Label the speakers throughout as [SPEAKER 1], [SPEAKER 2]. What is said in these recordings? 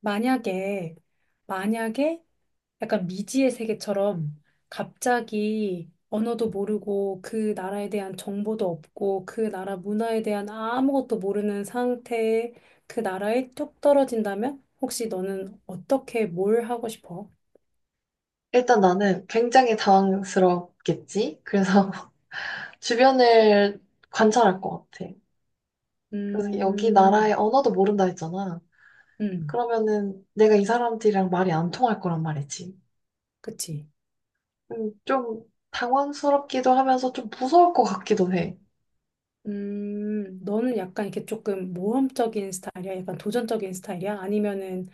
[SPEAKER 1] 만약에, 만약에 약간 미지의 세계처럼 갑자기 언어도 모르고 그 나라에 대한 정보도 없고 그 나라 문화에 대한 아무것도 모르는 상태에 그 나라에 뚝 떨어진다면 혹시 너는 어떻게 뭘 하고 싶어?
[SPEAKER 2] 일단 나는 굉장히 당황스럽겠지? 그래서 주변을 관찰할 것 같아. 그래서 여기
[SPEAKER 1] 음,
[SPEAKER 2] 나라의 언어도 모른다 했잖아.
[SPEAKER 1] 음,
[SPEAKER 2] 그러면은 내가 이 사람들이랑 말이 안 통할 거란 말이지.
[SPEAKER 1] 그치.
[SPEAKER 2] 좀 당황스럽기도 하면서 좀 무서울 것 같기도 해.
[SPEAKER 1] 너는 약간 이렇게 조금 모험적인 스타일이야? 약간 도전적인 스타일이야? 아니면은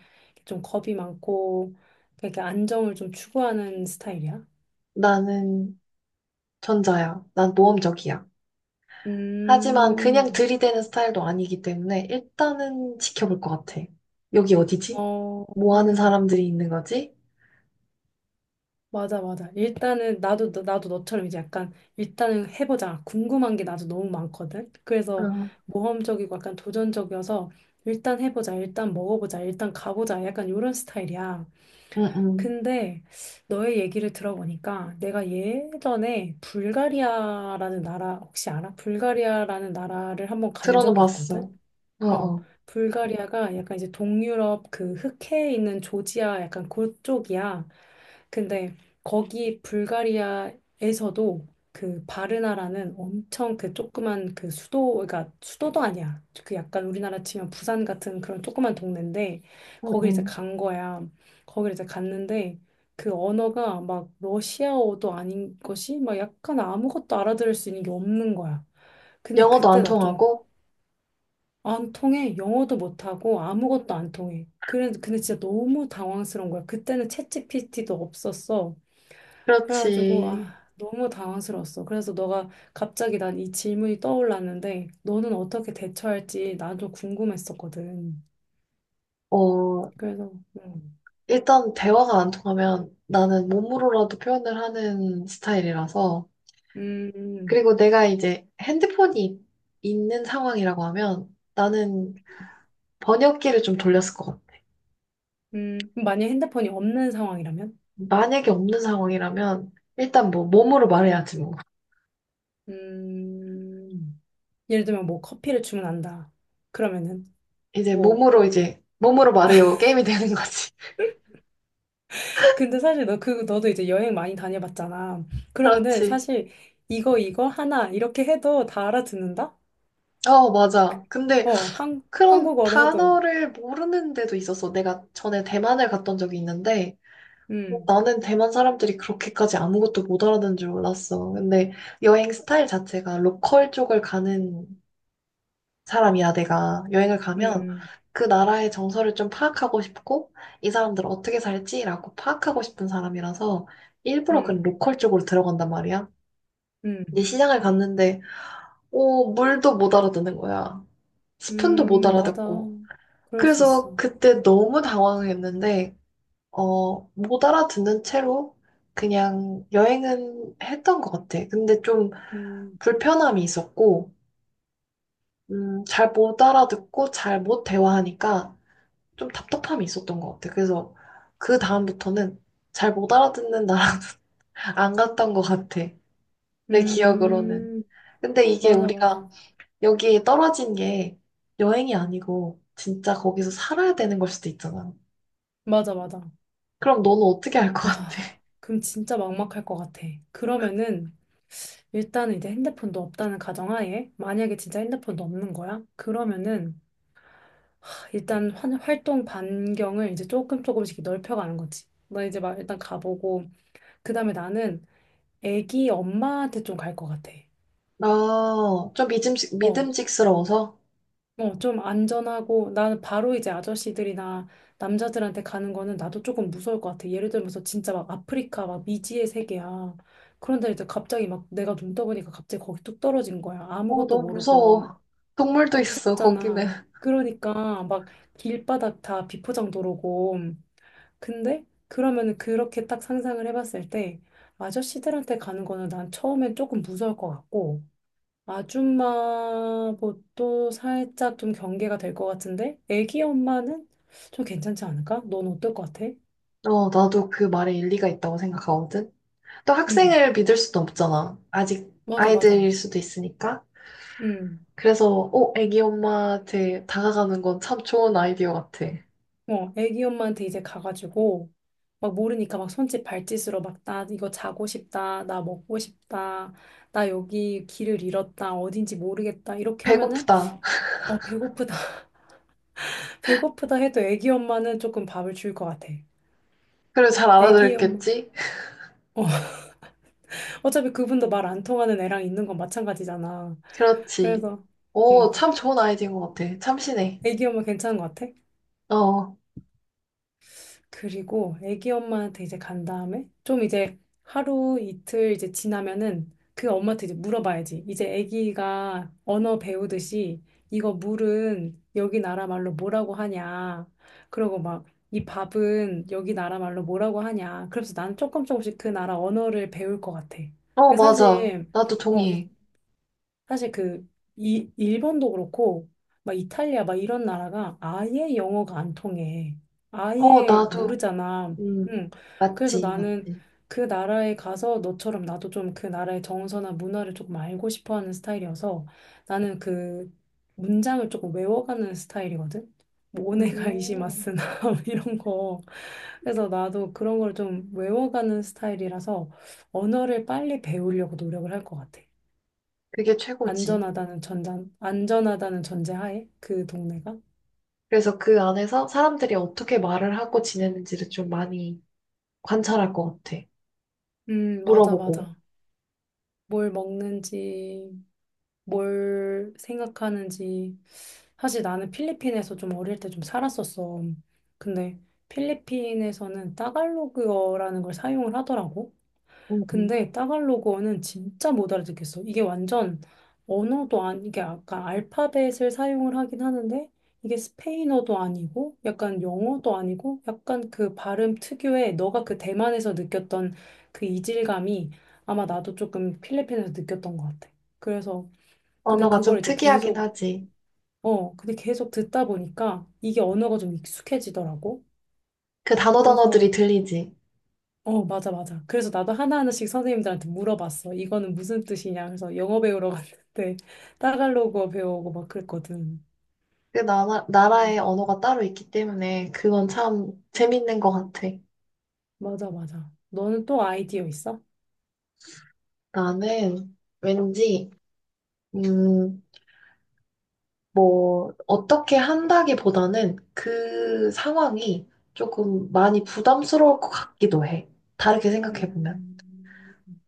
[SPEAKER 1] 좀 겁이 많고, 이렇게 안정을 좀 추구하는 스타일이야?
[SPEAKER 2] 나는 전자야. 난 모험적이야. 하지만 그냥
[SPEAKER 1] 음,
[SPEAKER 2] 들이대는 스타일도 아니기 때문에 일단은 지켜볼 것 같아. 여기 어디지?
[SPEAKER 1] 어,
[SPEAKER 2] 뭐 하는 사람들이 있는 거지?
[SPEAKER 1] 맞아, 맞아. 일단은 나도, 나도 너처럼 이제 약간 일단은 해보자. 궁금한 게 나도 너무 많거든? 그래서
[SPEAKER 2] 응,
[SPEAKER 1] 모험적이고 약간 도전적이어서 일단 해보자. 일단 먹어보자. 일단 가보자. 약간 이런 스타일이야.
[SPEAKER 2] 응, 응.
[SPEAKER 1] 근데 너의 얘기를 들어보니까 내가 예전에 불가리아라는 나라 혹시 알아? 불가리아라는 나라를 한번 간
[SPEAKER 2] 들어는
[SPEAKER 1] 적이 있거든.
[SPEAKER 2] 봤어. 어,
[SPEAKER 1] 어,
[SPEAKER 2] 어.
[SPEAKER 1] 불가리아가 약간 이제 동유럽 그 흑해에 있는 조지아 약간 그쪽이야. 근데 거기 불가리아에서도 그 바르나라는 엄청 그 조그만 그 수도, 그러니까 수도도 아니야. 그 약간 우리나라 치면 부산 같은 그런 조그만 동네인데
[SPEAKER 2] 응,
[SPEAKER 1] 거기 이제
[SPEAKER 2] 응.
[SPEAKER 1] 간 거야. 거기를 이제 갔는데 그 언어가 막 러시아어도 아닌 것이 막 약간 아무것도 알아들을 수 있는 게 없는 거야. 근데
[SPEAKER 2] 영어도
[SPEAKER 1] 그때
[SPEAKER 2] 안
[SPEAKER 1] 나좀
[SPEAKER 2] 통하고?
[SPEAKER 1] 안 통해. 영어도 못하고 아무것도 안 통해. 그래, 근데 진짜 너무 당황스러운 거야. 그때는 챗GPT도 없었어. 그래가지고, 아,
[SPEAKER 2] 그렇지.
[SPEAKER 1] 너무 당황스러웠어. 그래서 너가 갑자기 난 이 질문이 떠올랐는데, 너는 어떻게 대처할지 나도 궁금했었거든.
[SPEAKER 2] 어,
[SPEAKER 1] 그래서, 음,
[SPEAKER 2] 일단 대화가 안 통하면 나는 몸으로라도 표현을 하는 스타일이라서.
[SPEAKER 1] 음,
[SPEAKER 2] 그리고 내가 이제 핸드폰이 있는 상황이라고 하면 나는 번역기를 좀 돌렸을 것 같아.
[SPEAKER 1] 만약 핸드폰이 없는 상황이라면?
[SPEAKER 2] 만약에 없는 상황이라면 일단 뭐 몸으로 말해야지 뭐.
[SPEAKER 1] 음, 예를 들면 뭐 커피를 주문한다. 그러면은, 뭐
[SPEAKER 2] 이제 몸으로 말해요. 게임이 되는 거지.
[SPEAKER 1] 근데 사실 너 그 너도 이제 여행 많이 다녀봤잖아. 그러면은
[SPEAKER 2] 그렇지.
[SPEAKER 1] 사실 이거 하나 이렇게 해도 다 알아듣는다?
[SPEAKER 2] 어, 맞아. 근데
[SPEAKER 1] 어, 한
[SPEAKER 2] 그런
[SPEAKER 1] 한국어로 해도.
[SPEAKER 2] 단어를 모르는 데도 있었어. 내가 전에 대만을 갔던 적이 있는데, 뭐
[SPEAKER 1] 음.
[SPEAKER 2] 나는 대만 사람들이 그렇게까지 아무것도 못 알아듣는 줄 몰랐어. 근데 여행 스타일 자체가 로컬 쪽을 가는 사람이야, 내가. 여행을 가면
[SPEAKER 1] 음.
[SPEAKER 2] 그 나라의 정서를 좀 파악하고 싶고, 이 사람들 어떻게 살지라고 파악하고 싶은 사람이라서 일부러 그
[SPEAKER 1] 음.
[SPEAKER 2] 로컬 쪽으로 들어간단 말이야. 근데
[SPEAKER 1] 음.
[SPEAKER 2] 시장을 갔는데, 오, 물도 못 알아듣는 거야. 스푼도 못
[SPEAKER 1] 맞아.
[SPEAKER 2] 알아듣고.
[SPEAKER 1] 그럴 수 있어.
[SPEAKER 2] 그래서 그때 너무 당황했는데, 어, 못 알아듣는 채로 그냥 여행은 했던 것 같아. 근데 좀
[SPEAKER 1] 음.
[SPEAKER 2] 불편함이 있었고, 잘 못 알아듣고 잘 못 대화하니까 좀 답답함이 있었던 것 같아. 그래서 그 다음부터는 잘 못 알아듣는 나라도 안 갔던 것 같아. 내 기억으로는.
[SPEAKER 1] 음.
[SPEAKER 2] 근데 이게
[SPEAKER 1] 맞아, 맞아.
[SPEAKER 2] 우리가 여기에 떨어진 게 여행이 아니고 진짜 거기서 살아야 되는 걸 수도 있잖아.
[SPEAKER 1] 맞아, 맞아.
[SPEAKER 2] 그럼 너는 어떻게 할 것 같아?
[SPEAKER 1] 와. 그럼 진짜 막막할 것 같아. 그러면은 일단은 이제 핸드폰도 없다는 가정하에 만약에 진짜 핸드폰도 없는 거야? 그러면은 일단 활동 반경을 이제 조금 조금씩 넓혀가는 거지. 나 이제 막 일단 가보고 그다음에 나는 애기 엄마한테 좀 갈 것 같아.
[SPEAKER 2] 나
[SPEAKER 1] 어,
[SPEAKER 2] 믿음직스러워서?
[SPEAKER 1] 어, 좀 안전하고 나는 바로 이제 아저씨들이나 남자들한테 가는 거는 나도 조금 무서울 것 같아. 예를 들면서 진짜 막 아프리카 막 미지의 세계야. 그런데 이제 갑자기 막 내가 눈 떠보니까 갑자기 거기 뚝 떨어진 거야.
[SPEAKER 2] 어,
[SPEAKER 1] 아무것도
[SPEAKER 2] 너무
[SPEAKER 1] 모르고
[SPEAKER 2] 무서워.
[SPEAKER 1] 어,
[SPEAKER 2] 동물도 있어, 거기는.
[SPEAKER 1] 무섭잖아. 그러니까 막 길바닥 다 비포장 도로고 근데 그러면은 그렇게 딱 상상을 해봤을 때 아저씨들한테 가는 거는 난 처음엔 조금 무서울 것 같고 아줌마도 살짝 좀 경계가 될 것 같은데 애기 엄마는 좀 괜찮지 않을까? 넌 어떨 것 같아?
[SPEAKER 2] 어, 나도 그 말에 일리가 있다고 생각하거든. 또
[SPEAKER 1] 응,
[SPEAKER 2] 학생을 믿을 수도 없잖아. 아직
[SPEAKER 1] 맞아, 맞아.
[SPEAKER 2] 아이들일 수도 있으니까.
[SPEAKER 1] 응,
[SPEAKER 2] 그래서, 어, 애기 엄마한테 다가가는 건 참 좋은 아이디어 같아.
[SPEAKER 1] 어, 애기 엄마한테 이제 가가지고 막 모르니까 막 손짓 발짓으로 막 나 이거 자고 싶다, 나 먹고 싶다, 나 여기 길을 잃었다, 어딘지 모르겠다 이렇게 하면은
[SPEAKER 2] 배고프다.
[SPEAKER 1] 어, 배고프다. 배고프다 해도 애기 엄마는 조금 밥을 줄 것 같아.
[SPEAKER 2] 그리고 잘
[SPEAKER 1] 애기 엄마.
[SPEAKER 2] 알아들었겠지?
[SPEAKER 1] 어, 어차피 그분도 말 안 통하는 애랑 있는 건 마찬가지잖아.
[SPEAKER 2] 그렇지.
[SPEAKER 1] 그래서,
[SPEAKER 2] 어,
[SPEAKER 1] 음,
[SPEAKER 2] 참 좋은 아이디어인 것 같아. 참신해.
[SPEAKER 1] 애기 엄마 괜찮은 것 같아?
[SPEAKER 2] 어,
[SPEAKER 1] 그리고 애기 엄마한테 이제 간 다음에 좀 이제 하루 이틀 이제 지나면은 그 엄마한테 이제 물어봐야지. 이제 애기가 언어 배우듯이 이거 물은 여기 나라 말로 뭐라고 하냐. 그러고 막 이 밥은 여기 나라 말로 뭐라고 하냐. 그래서 난 조금 조금씩 그 나라 언어를 배울 것 같아.
[SPEAKER 2] 어,
[SPEAKER 1] 근데
[SPEAKER 2] 맞아.
[SPEAKER 1] 사실
[SPEAKER 2] 나도
[SPEAKER 1] 어,
[SPEAKER 2] 동의해.
[SPEAKER 1] 사실 그 일본도 그렇고 막 이탈리아 막 이런 나라가 아예 영어가 안 통해.
[SPEAKER 2] 어,
[SPEAKER 1] 아예
[SPEAKER 2] 나도.
[SPEAKER 1] 모르잖아.
[SPEAKER 2] 음,
[SPEAKER 1] 응. 그래서
[SPEAKER 2] 맞지,
[SPEAKER 1] 나는
[SPEAKER 2] 맞지.
[SPEAKER 1] 그 나라에 가서 너처럼 나도 좀 그 나라의 정서나 문화를 조금 알고 싶어 하는 스타일이어서 나는 그 문장을 조금 외워가는 스타일이거든. 뭐
[SPEAKER 2] 음,
[SPEAKER 1] 오네가이시마스나 이런 거. 그래서 나도 그런 걸 좀 외워가는 스타일이라서 언어를 빨리 배우려고 노력을 할 것 같아.
[SPEAKER 2] 그게 최고지.
[SPEAKER 1] 안전하다는 안전하다는 전제하에 그 동네가?
[SPEAKER 2] 그래서 그 안에서 사람들이 어떻게 말을 하고 지내는지를 좀 많이 관찰할 것 같아.
[SPEAKER 1] 맞아,
[SPEAKER 2] 물어보고.
[SPEAKER 1] 맞아. 뭘 먹는지, 뭘 생각하는지. 사실 나는 필리핀에서 좀 어릴 때 좀 살았었어. 근데 필리핀에서는 따갈로그어라는 걸 사용을 하더라고.
[SPEAKER 2] 음, 음.
[SPEAKER 1] 근데 따갈로그어는 진짜 못 알아듣겠어. 이게 완전 언어도 아니, 이게 아까 알파벳을 사용을 하긴 하는데 이게 스페인어도 아니고 약간 영어도 아니고 약간 그 발음 특유의 너가 그 대만에서 느꼈던 그 이질감이 아마 나도 조금 필리핀에서 느꼈던 것 같아. 그래서 근데
[SPEAKER 2] 언어가
[SPEAKER 1] 그걸
[SPEAKER 2] 좀
[SPEAKER 1] 이제
[SPEAKER 2] 특이하긴
[SPEAKER 1] 계속
[SPEAKER 2] 하지.
[SPEAKER 1] 어, 근데 계속 듣다 보니까 이게 언어가 좀 익숙해지더라고.
[SPEAKER 2] 그 단어 단어들이
[SPEAKER 1] 그래서
[SPEAKER 2] 들리지.
[SPEAKER 1] 어, 맞아, 맞아. 그래서 나도 하나하나씩 선생님들한테 물어봤어. 이거는 무슨 뜻이냐. 그래서 영어 배우러 갔는데 따갈로그어 배우고 막 그랬거든.
[SPEAKER 2] 나라의
[SPEAKER 1] 음,
[SPEAKER 2] 언어가 따로 있기 때문에 그건 참 재밌는 것 같아.
[SPEAKER 1] 맞아, 맞아. 너는 또 아이디어 있어?
[SPEAKER 2] 나는 왠지, 음, 뭐, 어떻게 한다기보다는 그 상황이 조금 많이 부담스러울 것 같기도 해. 다르게 생각해보면.
[SPEAKER 1] 음,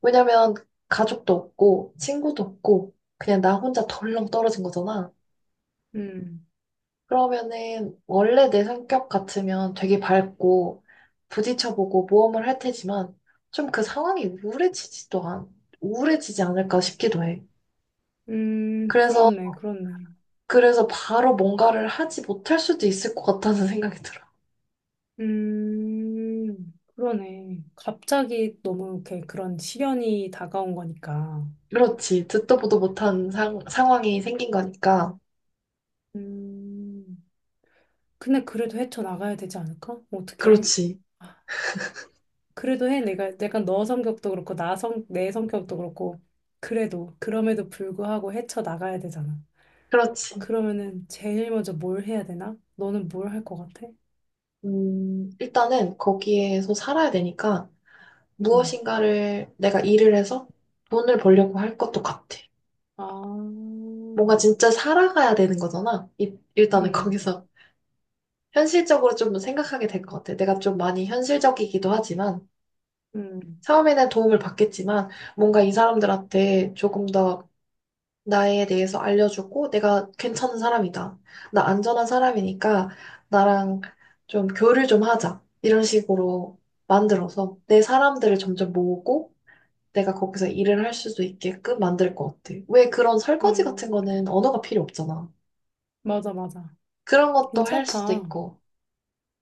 [SPEAKER 2] 왜냐면 가족도 없고, 친구도 없고, 그냥 나 혼자 덜렁 떨어진 거잖아.
[SPEAKER 1] 음,
[SPEAKER 2] 그러면은 원래 내 성격 같으면 되게 밝고, 부딪혀보고 모험을 할 테지만, 좀 그 상황이 우울해지지 않을까 싶기도 해. 그래서,
[SPEAKER 1] 그렇네, 그렇네.
[SPEAKER 2] 그래서 바로 뭔가를 하지 못할 수도 있을 것 같다는 생각이 들어.
[SPEAKER 1] 그러네. 갑자기 너무 이렇게 그런 시련이 다가온 거니까.
[SPEAKER 2] 그렇지. 듣도 보도 못한 상황이 생긴 거니까.
[SPEAKER 1] 음, 근데 그래도 헤쳐나가야 되지 않을까? 어떻게?
[SPEAKER 2] 그렇지.
[SPEAKER 1] 그래도 해. 내가 너 성격도 그렇고, 내 성격도 그렇고, 그래도, 그럼에도 불구하고 헤쳐나가야 되잖아.
[SPEAKER 2] 그렇지.
[SPEAKER 1] 그러면은 제일 먼저 뭘 해야 되나? 너는 뭘 할 것 같아?
[SPEAKER 2] 일단은 거기에서 살아야 되니까
[SPEAKER 1] 음,
[SPEAKER 2] 무엇인가를 내가 일을 해서 돈을 벌려고 할 것도 같아.
[SPEAKER 1] 아,
[SPEAKER 2] 뭔가 진짜 살아가야 되는 거잖아. 일단은
[SPEAKER 1] 음,
[SPEAKER 2] 거기서 현실적으로 좀 생각하게 될 것 같아. 내가 좀 많이 현실적이기도 하지만
[SPEAKER 1] 음,
[SPEAKER 2] 처음에는 도움을 받겠지만 뭔가 이 사람들한테 조금 더 나에 대해서 알려주고 내가 괜찮은 사람이다. 나 안전한 사람이니까 나랑 교류를 좀 하자. 이런 식으로 만들어서 내 사람들을 점점 모으고 내가 거기서 일을 할 수도 있게끔 만들 것 같아. 왜 그런 설거지 같은
[SPEAKER 1] 음,
[SPEAKER 2] 거는 언어가 필요 없잖아.
[SPEAKER 1] 맞아, 맞아.
[SPEAKER 2] 그런 것도 할 수도
[SPEAKER 1] 괜찮다.
[SPEAKER 2] 있고.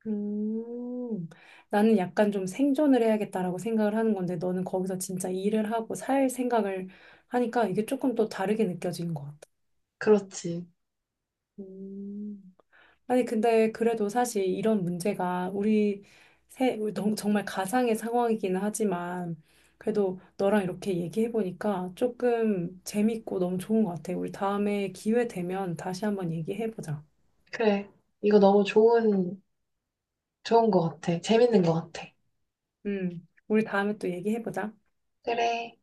[SPEAKER 1] 음, 나는 약간 좀 생존을 해야겠다라고 생각을 하는 건데, 너는 거기서 진짜 일을 하고 살 생각을 하니까 이게 조금 또 다르게 느껴지는 것 같아.
[SPEAKER 2] 그렇지.
[SPEAKER 1] 음, 아니, 근데 그래도 사실 이런 문제가 우리 우리 정말 가상의 상황이기는 하지만, 그래도 너랑 이렇게 얘기해보니까 조금 재밌고 너무 좋은 것 같아. 우리 다음에 기회 되면 다시 한번 얘기해보자.
[SPEAKER 2] 그래. 이거 너무 좋은 것 같아. 재밌는 것 같아.
[SPEAKER 1] 우리 다음에 또 얘기해보자.
[SPEAKER 2] 그래.